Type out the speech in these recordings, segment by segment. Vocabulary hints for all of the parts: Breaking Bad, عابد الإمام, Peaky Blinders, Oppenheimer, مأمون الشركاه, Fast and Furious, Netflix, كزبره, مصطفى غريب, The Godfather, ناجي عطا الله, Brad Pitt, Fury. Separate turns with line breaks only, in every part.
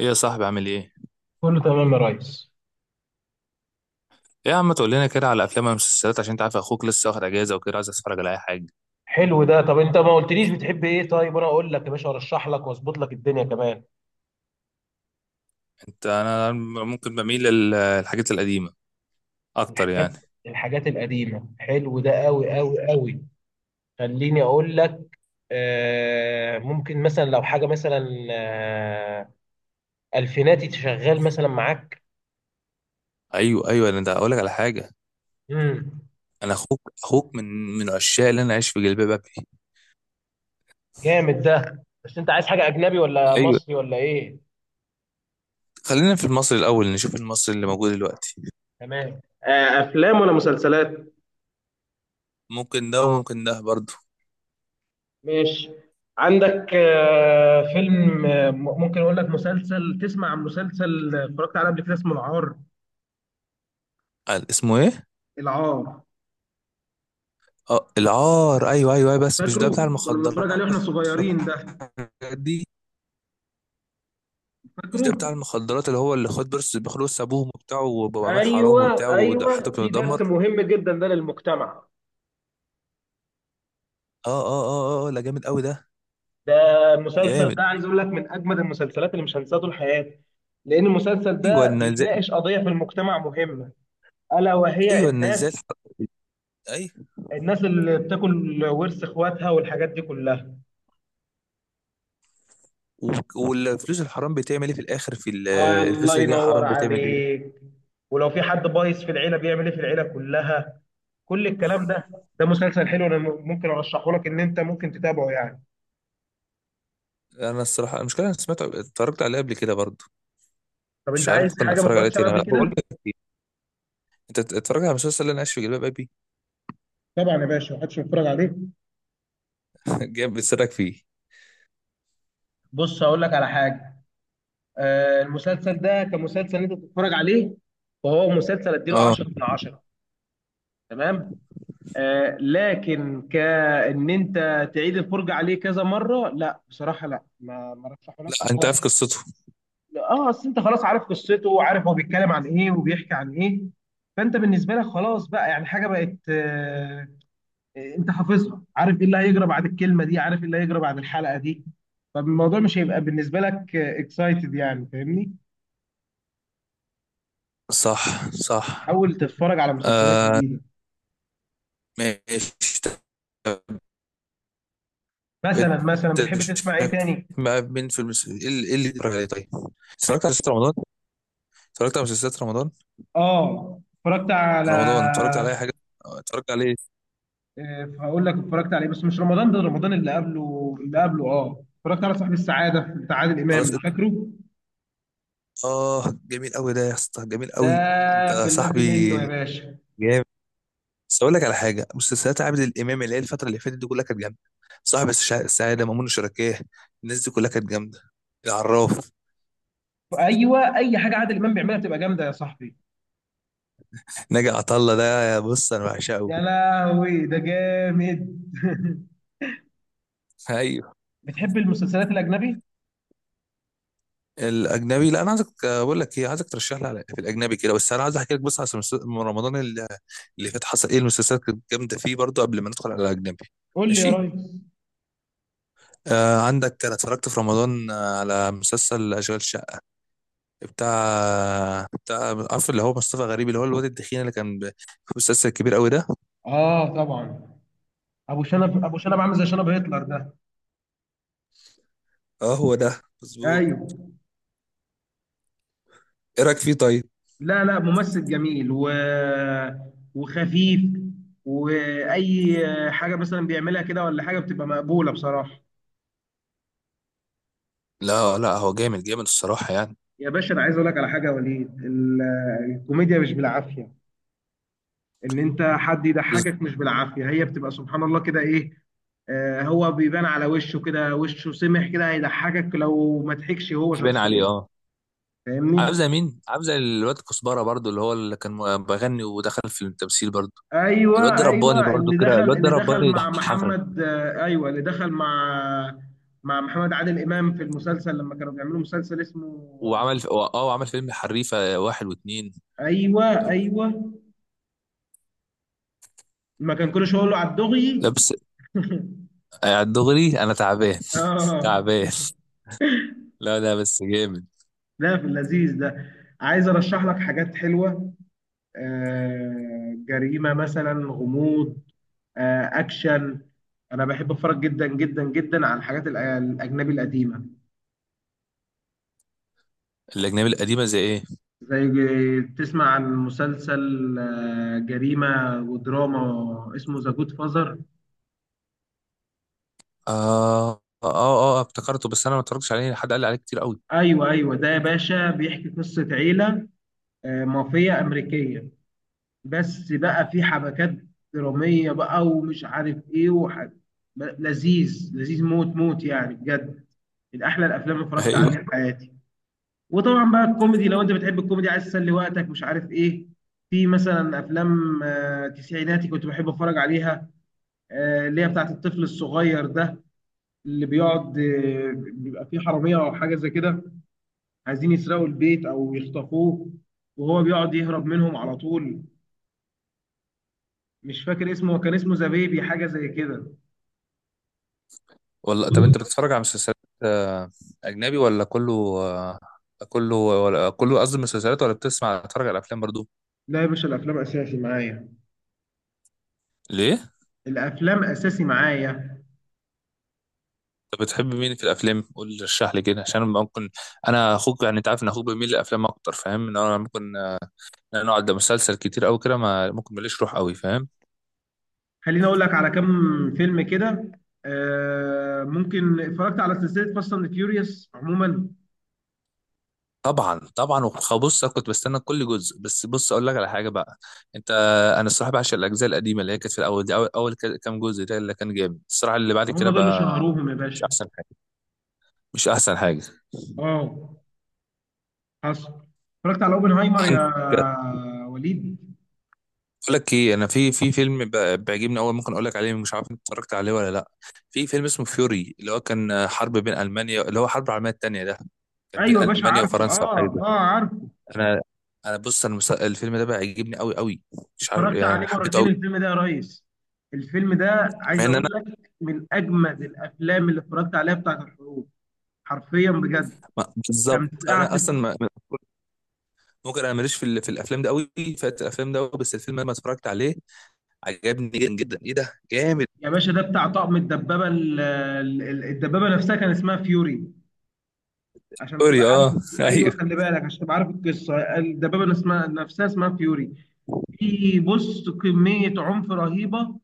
ايه يا صاحبي عامل ايه؟
كله تمام يا ريس.
ايه يا عم، تقول لنا كده على افلام ومسلسلات عشان انت عارف اخوك لسه واخد اجازه وكده عايز اتفرج على اي حاجه.
حلو ده. طب انت ما قلتليش بتحب ايه؟ طيب وانا اقول لك يا باشا، ارشح لك واظبط لك الدنيا كمان.
انا ممكن بميل للحاجات القديمه اكتر
الحاجات
يعني.
الحاجات القديمه، حلو ده قوي قوي قوي. خليني اقول لك. ممكن مثلا، لو حاجه مثلا، الفيناتي شغال مثلا معاك؟
ايوه ايوه، انا ده اقول لك على حاجه.
امم
انا اخوك من عشاق اللي انا عايش في جلباب ابي.
جامد ده. بس انت عايز حاجه اجنبي ولا
ايوه،
مصري ولا ايه؟
خلينا في المصري الاول نشوف المصري اللي موجود دلوقتي.
تمام. افلام ولا مسلسلات؟
ممكن ده وممكن ده برضه.
ماشي. عندك فيلم، ممكن اقول لك مسلسل، تسمع عن مسلسل اتفرجت عليه قبل كده اسمه العار.
قال اسمه ايه؟
العار.
اه العار، ايوه ايوه أيوة، بس مش
فاكره؟
ده بتاع
كنا بنتفرج عليه
المخدرات
واحنا صغيرين ده،
والحاجات دي. مش ده بتاع
فاكره؟
المخدرات اللي هو اللي خد بس بياخد بس ابوهم وبتاعه وبعمل حرام
ايوه
وبتاعه وده حتى
ايوه، في
بيتدمر.
درس مهم جدا ده للمجتمع.
اه اه اه اه آه، لا جامد قوي ده.
ده المسلسل
جامد.
ده عايز اقول لك من اجمد المسلسلات اللي مش هنساها طول حياتي، لان المسلسل
ايوه
ده
ان ازاي
بيناقش قضيه في المجتمع مهمه، الا وهي
ايوه ان ازاي اي.
الناس اللي بتاكل ورث اخواتها والحاجات دي كلها.
و- والفلوس الحرام بتعمل ايه في الاخر في
آه،
الفلوس
الله
اللي جايه
ينور
حرام بتعمل ايه؟
عليك. ولو في حد بايظ في العيله بيعمل ايه في العيله كلها، كل الكلام ده. ده مسلسل حلو، انا ممكن ارشحه لك ان انت ممكن تتابعه يعني.
انا الصراحه المشكله، انا سمعت اتفرجت عليه قبل كده برضه.
طب انت
مش عارف
عايز
ممكن
حاجه ما
اتفرج عليه
اتفرجتش عليها
تاني.
قبل
لا بقول
كده؟
لك إيه، انت اتفرجت على المسلسل اللي انا عايش في جلباب ابي؟
طبعا يا باشا محدش بيتفرج عليه.
جامد بتسرك فيه.
بص هقول لك على حاجه. المسلسل ده كمسلسل انت بتتفرج عليه، وهو مسلسل اديله
اه.
10 من 10، تمام. آه، لكن كان انت تعيد الفرجه عليه كذا مره؟ لا بصراحه لا، ما رشحه
لا،
لكش
انت
خالص.
عارف قصته.
اه، اصل انت خلاص عارف قصته، وعارف هو بيتكلم عن ايه وبيحكي عن ايه، فانت بالنسبه لك خلاص بقى يعني حاجه بقت، انت حافظها، عارف ايه اللي هيجرى بعد الكلمه دي، عارف ايه اللي هيجرى بعد الحلقه دي، فالموضوع مش هيبقى بالنسبه لك اكسايتد يعني، فاهمني؟
صح صح،
حاول تتفرج على
آه،
مسلسلات جديده.
ماشي.
مثلا
انت
بتحب تسمع ايه
شايف.
تاني؟
مع مين في ايه اللي بيتفرج عليه طيب؟ اتفرجت على مسلسلات رمضان. اتفرجت على مسلسلات رمضان.
اه، اتفرجت على،
رمضان اتفرجت على اي حاجه؟ آه، اتفرجت عليه.
هقول لك اتفرجت على ايه، بس مش رمضان ده، رمضان اللي قبله اللي قبله. اه، اتفرجت على صاحب السعاده بتاع عادل امام،
خلاص ات-
فاكره
اه جميل قوي ده يا اسطى، جميل
ده؟
قوي. انت
في
صاحبي.
الذي منه يا باشا.
جامد. بس اقول لك على حاجه، مسلسلات عابد الامام اللي هي الفتره اللي فاتت دي كلها كانت جامده. صاحب السعاده، مأمون الشركاه. الناس دي كلها كانت جامده. العراف.
ايوه، اي حاجه عادل امام بيعملها بتبقى جامده يا صاحبي.
ناجي عطا الله ده بص انا بعشقه.
يا لهوي ده جامد
ايوه.
بتحب المسلسلات الاجنبي؟
الاجنبي، لا انا عايزك بقول لك ايه، عايزك ترشح لي في الاجنبي كده، بس انا عايز احكي لك بس على من رمضان اللي فات حصل ايه. المسلسلات كانت جامده فيه برضو قبل ما ندخل على الاجنبي.
قول لي يا
ماشي.
ريس.
آه عندك، انا اتفرجت في رمضان على مسلسل اشغال شقه، بتاع عارف اللي هو مصطفى غريب، اللي هو الواد الدخين اللي كان في مسلسل كبير قوي ده.
اه طبعا. ابو شنب عامل زي شنب هتلر ده.
اه هو ده مظبوط.
ايوه،
ايه رايك فيه طيب؟
لا لا، ممثل جميل وخفيف، واي حاجه مثلا بيعملها كده ولا حاجه بتبقى مقبوله بصراحه.
لا لا، هو جامد جامد الصراحه يعني،
يا باشا انا عايز اقول لك على حاجه يا وليد، الكوميديا مش بالعافيه، ان انت حد
بس.
يضحكك مش بالعافيه، هي بتبقى سبحان الله كده، ايه، آه، هو بيبان على وشه كده، وشه سمح كده، هيضحكك لو ما ضحكش هو
باين عليه
شخصيا،
اه.
فاهمني؟
عامل مين، عامل الواد كزبره برضو، اللي هو اللي كان بغني ودخل في التمثيل برضو. الواد
ايوه
ده رباني
ايوه،
برضو كده، الواد ده
اللي دخل
رباني
مع
يضحكك.
محمد، ايوه، اللي دخل مع مع محمد عادل امام في المسلسل لما كانوا بيعملوا مسلسل اسمه، آه،
وعمل فيلم حريفه واحد واتنين.
ايوه ايوه، ما كان كل شويه يقول له على الدغي
لا بس على الدغري انا تعبان.
اه،
تعبان. لا لا، بس جامد.
لا، في اللذيذ ده. عايز ارشح لك حاجات حلوه. آه، جريمة مثلا، غموض، آه، أكشن. أنا بحب أتفرج جدا جدا جدا على الأجنبي القديمة.
الاجنبي القديمه زي ايه؟
تسمع عن مسلسل آه، جريمة ودراما اسمه ذا جود فازر؟
اه اه اه آه، افتكرته بس انا ما اتفرجتش عليه، حد قال لي عليه كتير قوي.
أيوه أيوه، ده يا باشا بيحكي قصة عيلة، آه، مافيا أمريكية، بس بقى في حبكات درامية بقى، ومش عارف إيه، لذيذ لذيذ موت موت يعني بجد، من أحلى الأفلام اللي اتفرجت
ايوه.
عليها في حياتي. وطبعا بقى الكوميدي، لو انت بتحب الكوميدي عايز تسلي وقتك مش عارف ايه، في مثلا افلام تسعيناتي كنت بحب اتفرج عليها، اللي هي بتاعت الطفل الصغير ده، اللي بيقعد بيبقى فيه حراميه او حاجه زي كده، عايزين يسرقوا البيت او يخطفوه، وهو بيقعد يهرب منهم على طول. مش فاكر اسمه، هو كان اسمه ذا بيبي حاجه زي كده.
والله، طب انت بتتفرج على مسلسلات آه، اجنبي ولا كله؟ آه، كله ولا كله، قصدي مسلسلات، ولا بتسمع تتفرج على افلام برضو؟
لا يا باشا الافلام اساسي معايا.
ليه؟
الافلام اساسي معايا.
طب بتحب مين في الافلام، قول لي رشح لي كده عشان ممكن. انا اخوك يعني، انت عارف ان اخوك بيميل للافلام اكتر، فاهم ان انا ممكن إن انا اقعد ده مسلسل كتير قوي كده ما ممكن، ماليش روح قوي، فاهم.
خليني اقول لك على كام فيلم كده. ممكن اتفرجت على سلسله فاست اند فيوريوس عموما.
طبعا طبعا، بص انا كنت بستنى كل جزء. بس بص اقول لك على حاجه بقى. انت انا الصراحه بعشق الاجزاء القديمه اللي هي كانت في الاول دي، كام جزء ده اللي كان جامد الصراحه، اللي بعد
هم
كده
دول اللي
بقى
شهروهم يا
مش
باشا.
احسن حاجه، مش احسن حاجه.
اه، حصل. اتفرجت على اوبنهايمر يا
عندك،
وليد؟
اقول لك ايه، انا في فيلم بيعجبني قوي، ممكن اقول لك عليه، مش عارف انت اتفرجت عليه ولا لا. في فيلم اسمه فيوري، اللي هو كان حرب بين المانيا، اللي هو حرب العالميه الثانيه ده، كان بين
ايوه يا باشا
المانيا
عارفه،
وفرنسا او حاجه
اه
زي كده.
اه عارفه.
انا انا بص، انا الفيلم ده بيعجبني قوي قوي. مش عارف
اتفرجت عليه
يعني، حبيته
مرتين
قوي.
الفيلم ده يا ريس. الفيلم ده
مع
عايز
ان
اقول
انا
لك من اجمد الافلام اللي اتفرجت عليها بتاعت الحروب، حرفيا بجد.
بالظبط،
كانت
انا
قعدت.
اصلا ما ممكن، انا ماليش في في الافلام ده قوي. فات الافلام ده قوي، بس الفيلم ده لما اتفرجت عليه عجبني جدا جدا، ايه ده، جامد.
يا باشا ده بتاع طقم الدبابه، الدبابه نفسها كان اسمها فيوري عشان تبقى
فيوري
عارف.
اه،
ايوه،
ايوه
خلي بالك عشان تبقى عارف، القصه الدبابه اسمها نفسها اسمها فيوري. في بص كميه عنف رهيبه،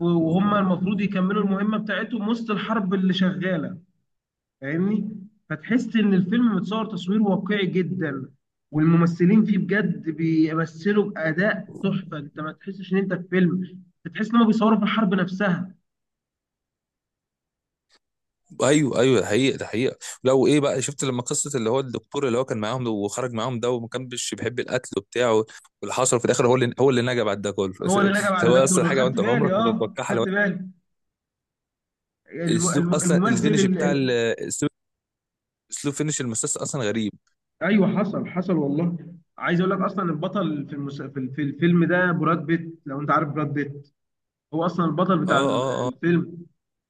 وهم المفروض يكملوا المهمه بتاعتهم وسط الحرب اللي شغاله، فاهمني؟ فتحس ان الفيلم متصور تصوير واقعي جدا، والممثلين فيه بجد بيمثلوا باداء تحفه. انت ما تحسش ان انت في فيلم، بتحس ان هم بيصوروا في الحرب نفسها.
ايوه ايوه، ده حقيقه، ده حقيقه. لو ايه بقى، شفت لما قصه اللي هو الدكتور اللي هو كان معاهم ده وخرج معاهم ده وما كانش بيحب القتل وبتاع واللي حصل في الاخر هو اللي نجا بعد ده كله. بس
هو اللي
اللي
لقى بعد ده
هو اصلا
كله،
حاجه
خدت
وانت عمرك
بالي،
ما
اه
تتوقعها.
خدت
لو
بالي. الم-
اسلوب
الم-
اصلا
الممثل
الفينش بتاع ال-
ال-
اسلوب اسلوب فينش المسلسل اصلا غريب.
ايوه، حصل حصل والله. عايز اقول لك اصلا البطل في المس... في ال- في الفيلم ده براد بيت، لو انت عارف براد بيت. هو اصلا البطل
اه
بتاع
اه اه،
الفيلم،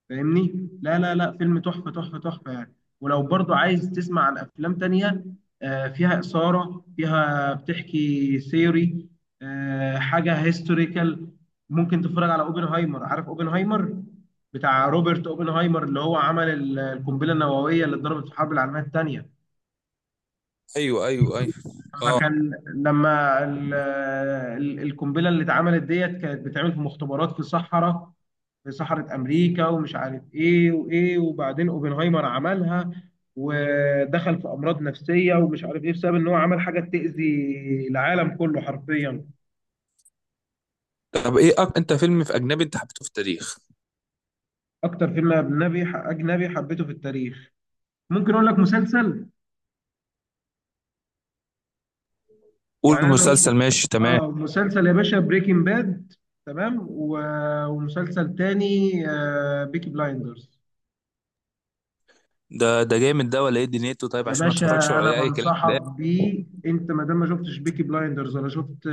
فاهمني؟ لا لا لا، فيلم تحفه تحفه تحفه يعني. ولو برضو عايز تسمع عن افلام تانية، آه، فيها اثاره، فيها بتحكي ثيوري، آه، حاجه هيستوريكال، ممكن تتفرج على اوبنهايمر، عارف اوبنهايمر؟ بتاع روبرت اوبنهايمر اللي هو عمل القنبله النوويه اللي اتضربت في الحرب العالميه الثانيه.
ايوه ايوه ايوه،
لما
اه.
كان، القنبله اللي اتعملت ديت كانت بتتعمل في مختبرات في صحراء، في صحراء امريكا، ومش عارف ايه وايه، وبعدين اوبنهايمر عملها ودخل في امراض نفسيه ومش عارف ايه، بسبب ان هو عمل حاجه تاذي العالم كله حرفيا.
طب ايه انت فيلم في اجنبي انت حبيته في التاريخ؟
اكتر فيلم اجنبي حبيته في التاريخ. ممكن اقول لك مسلسل.
قول
يعني
مسلسل، ماشي تمام.
اه مسلسل يا باشا، بريكنج باد، تمام، ومسلسل تاني آه، بيكي بلايندرز.
ده جامد ده ولا ايه دنيته طيب،
يا
عشان ما اتفرجش
باشا انا
ولا اي كلام في
بنصحك
الآخر.
بيه، انت ما دام ما شفتش بيكي بلايندرز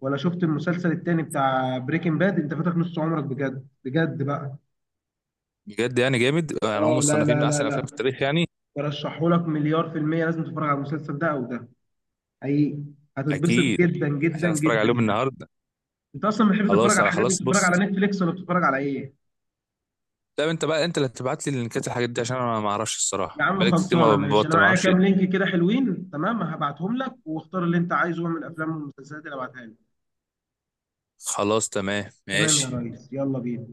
ولا شفت المسلسل التاني بتاع بريكنج باد، انت فاتك نص عمرك بجد بجد بقى.
بجد يعني، جامد، يعني هم
اه لا
مصنفين من
لا لا
احسن الافلام في
لا،
التاريخ يعني.
برشحه لك مليار في المية، لازم تتفرج على المسلسل ده او ده، حقيقي، هتتبسط
اكيد،
جدا جدا
عشان اتفرج
جدا
عليهم
يعني.
النهارده.
انت اصلا بتحب تتفرج
خلاص
على الحاجات دي،
خلاص،
بتتفرج
بص.
على نتفليكس ولا بتتفرج على ايه؟
لا انت بقى، انت اللي هتبعت لي اللينكات الحاجات دي، عشان انا ما اعرفش
يا
الصراحه،
عم
بقالي كتير
خلصانه
ما
ماشي، انا
ببطل، ما
معايا
اعرفش.
كام لينك كده حلوين، تمام، هبعتهم لك واختار اللي انت عايزه من الافلام والمسلسلات اللي هبعتها لك.
خلاص تمام،
تمام يا
ماشي.
ريس، يلا بينا.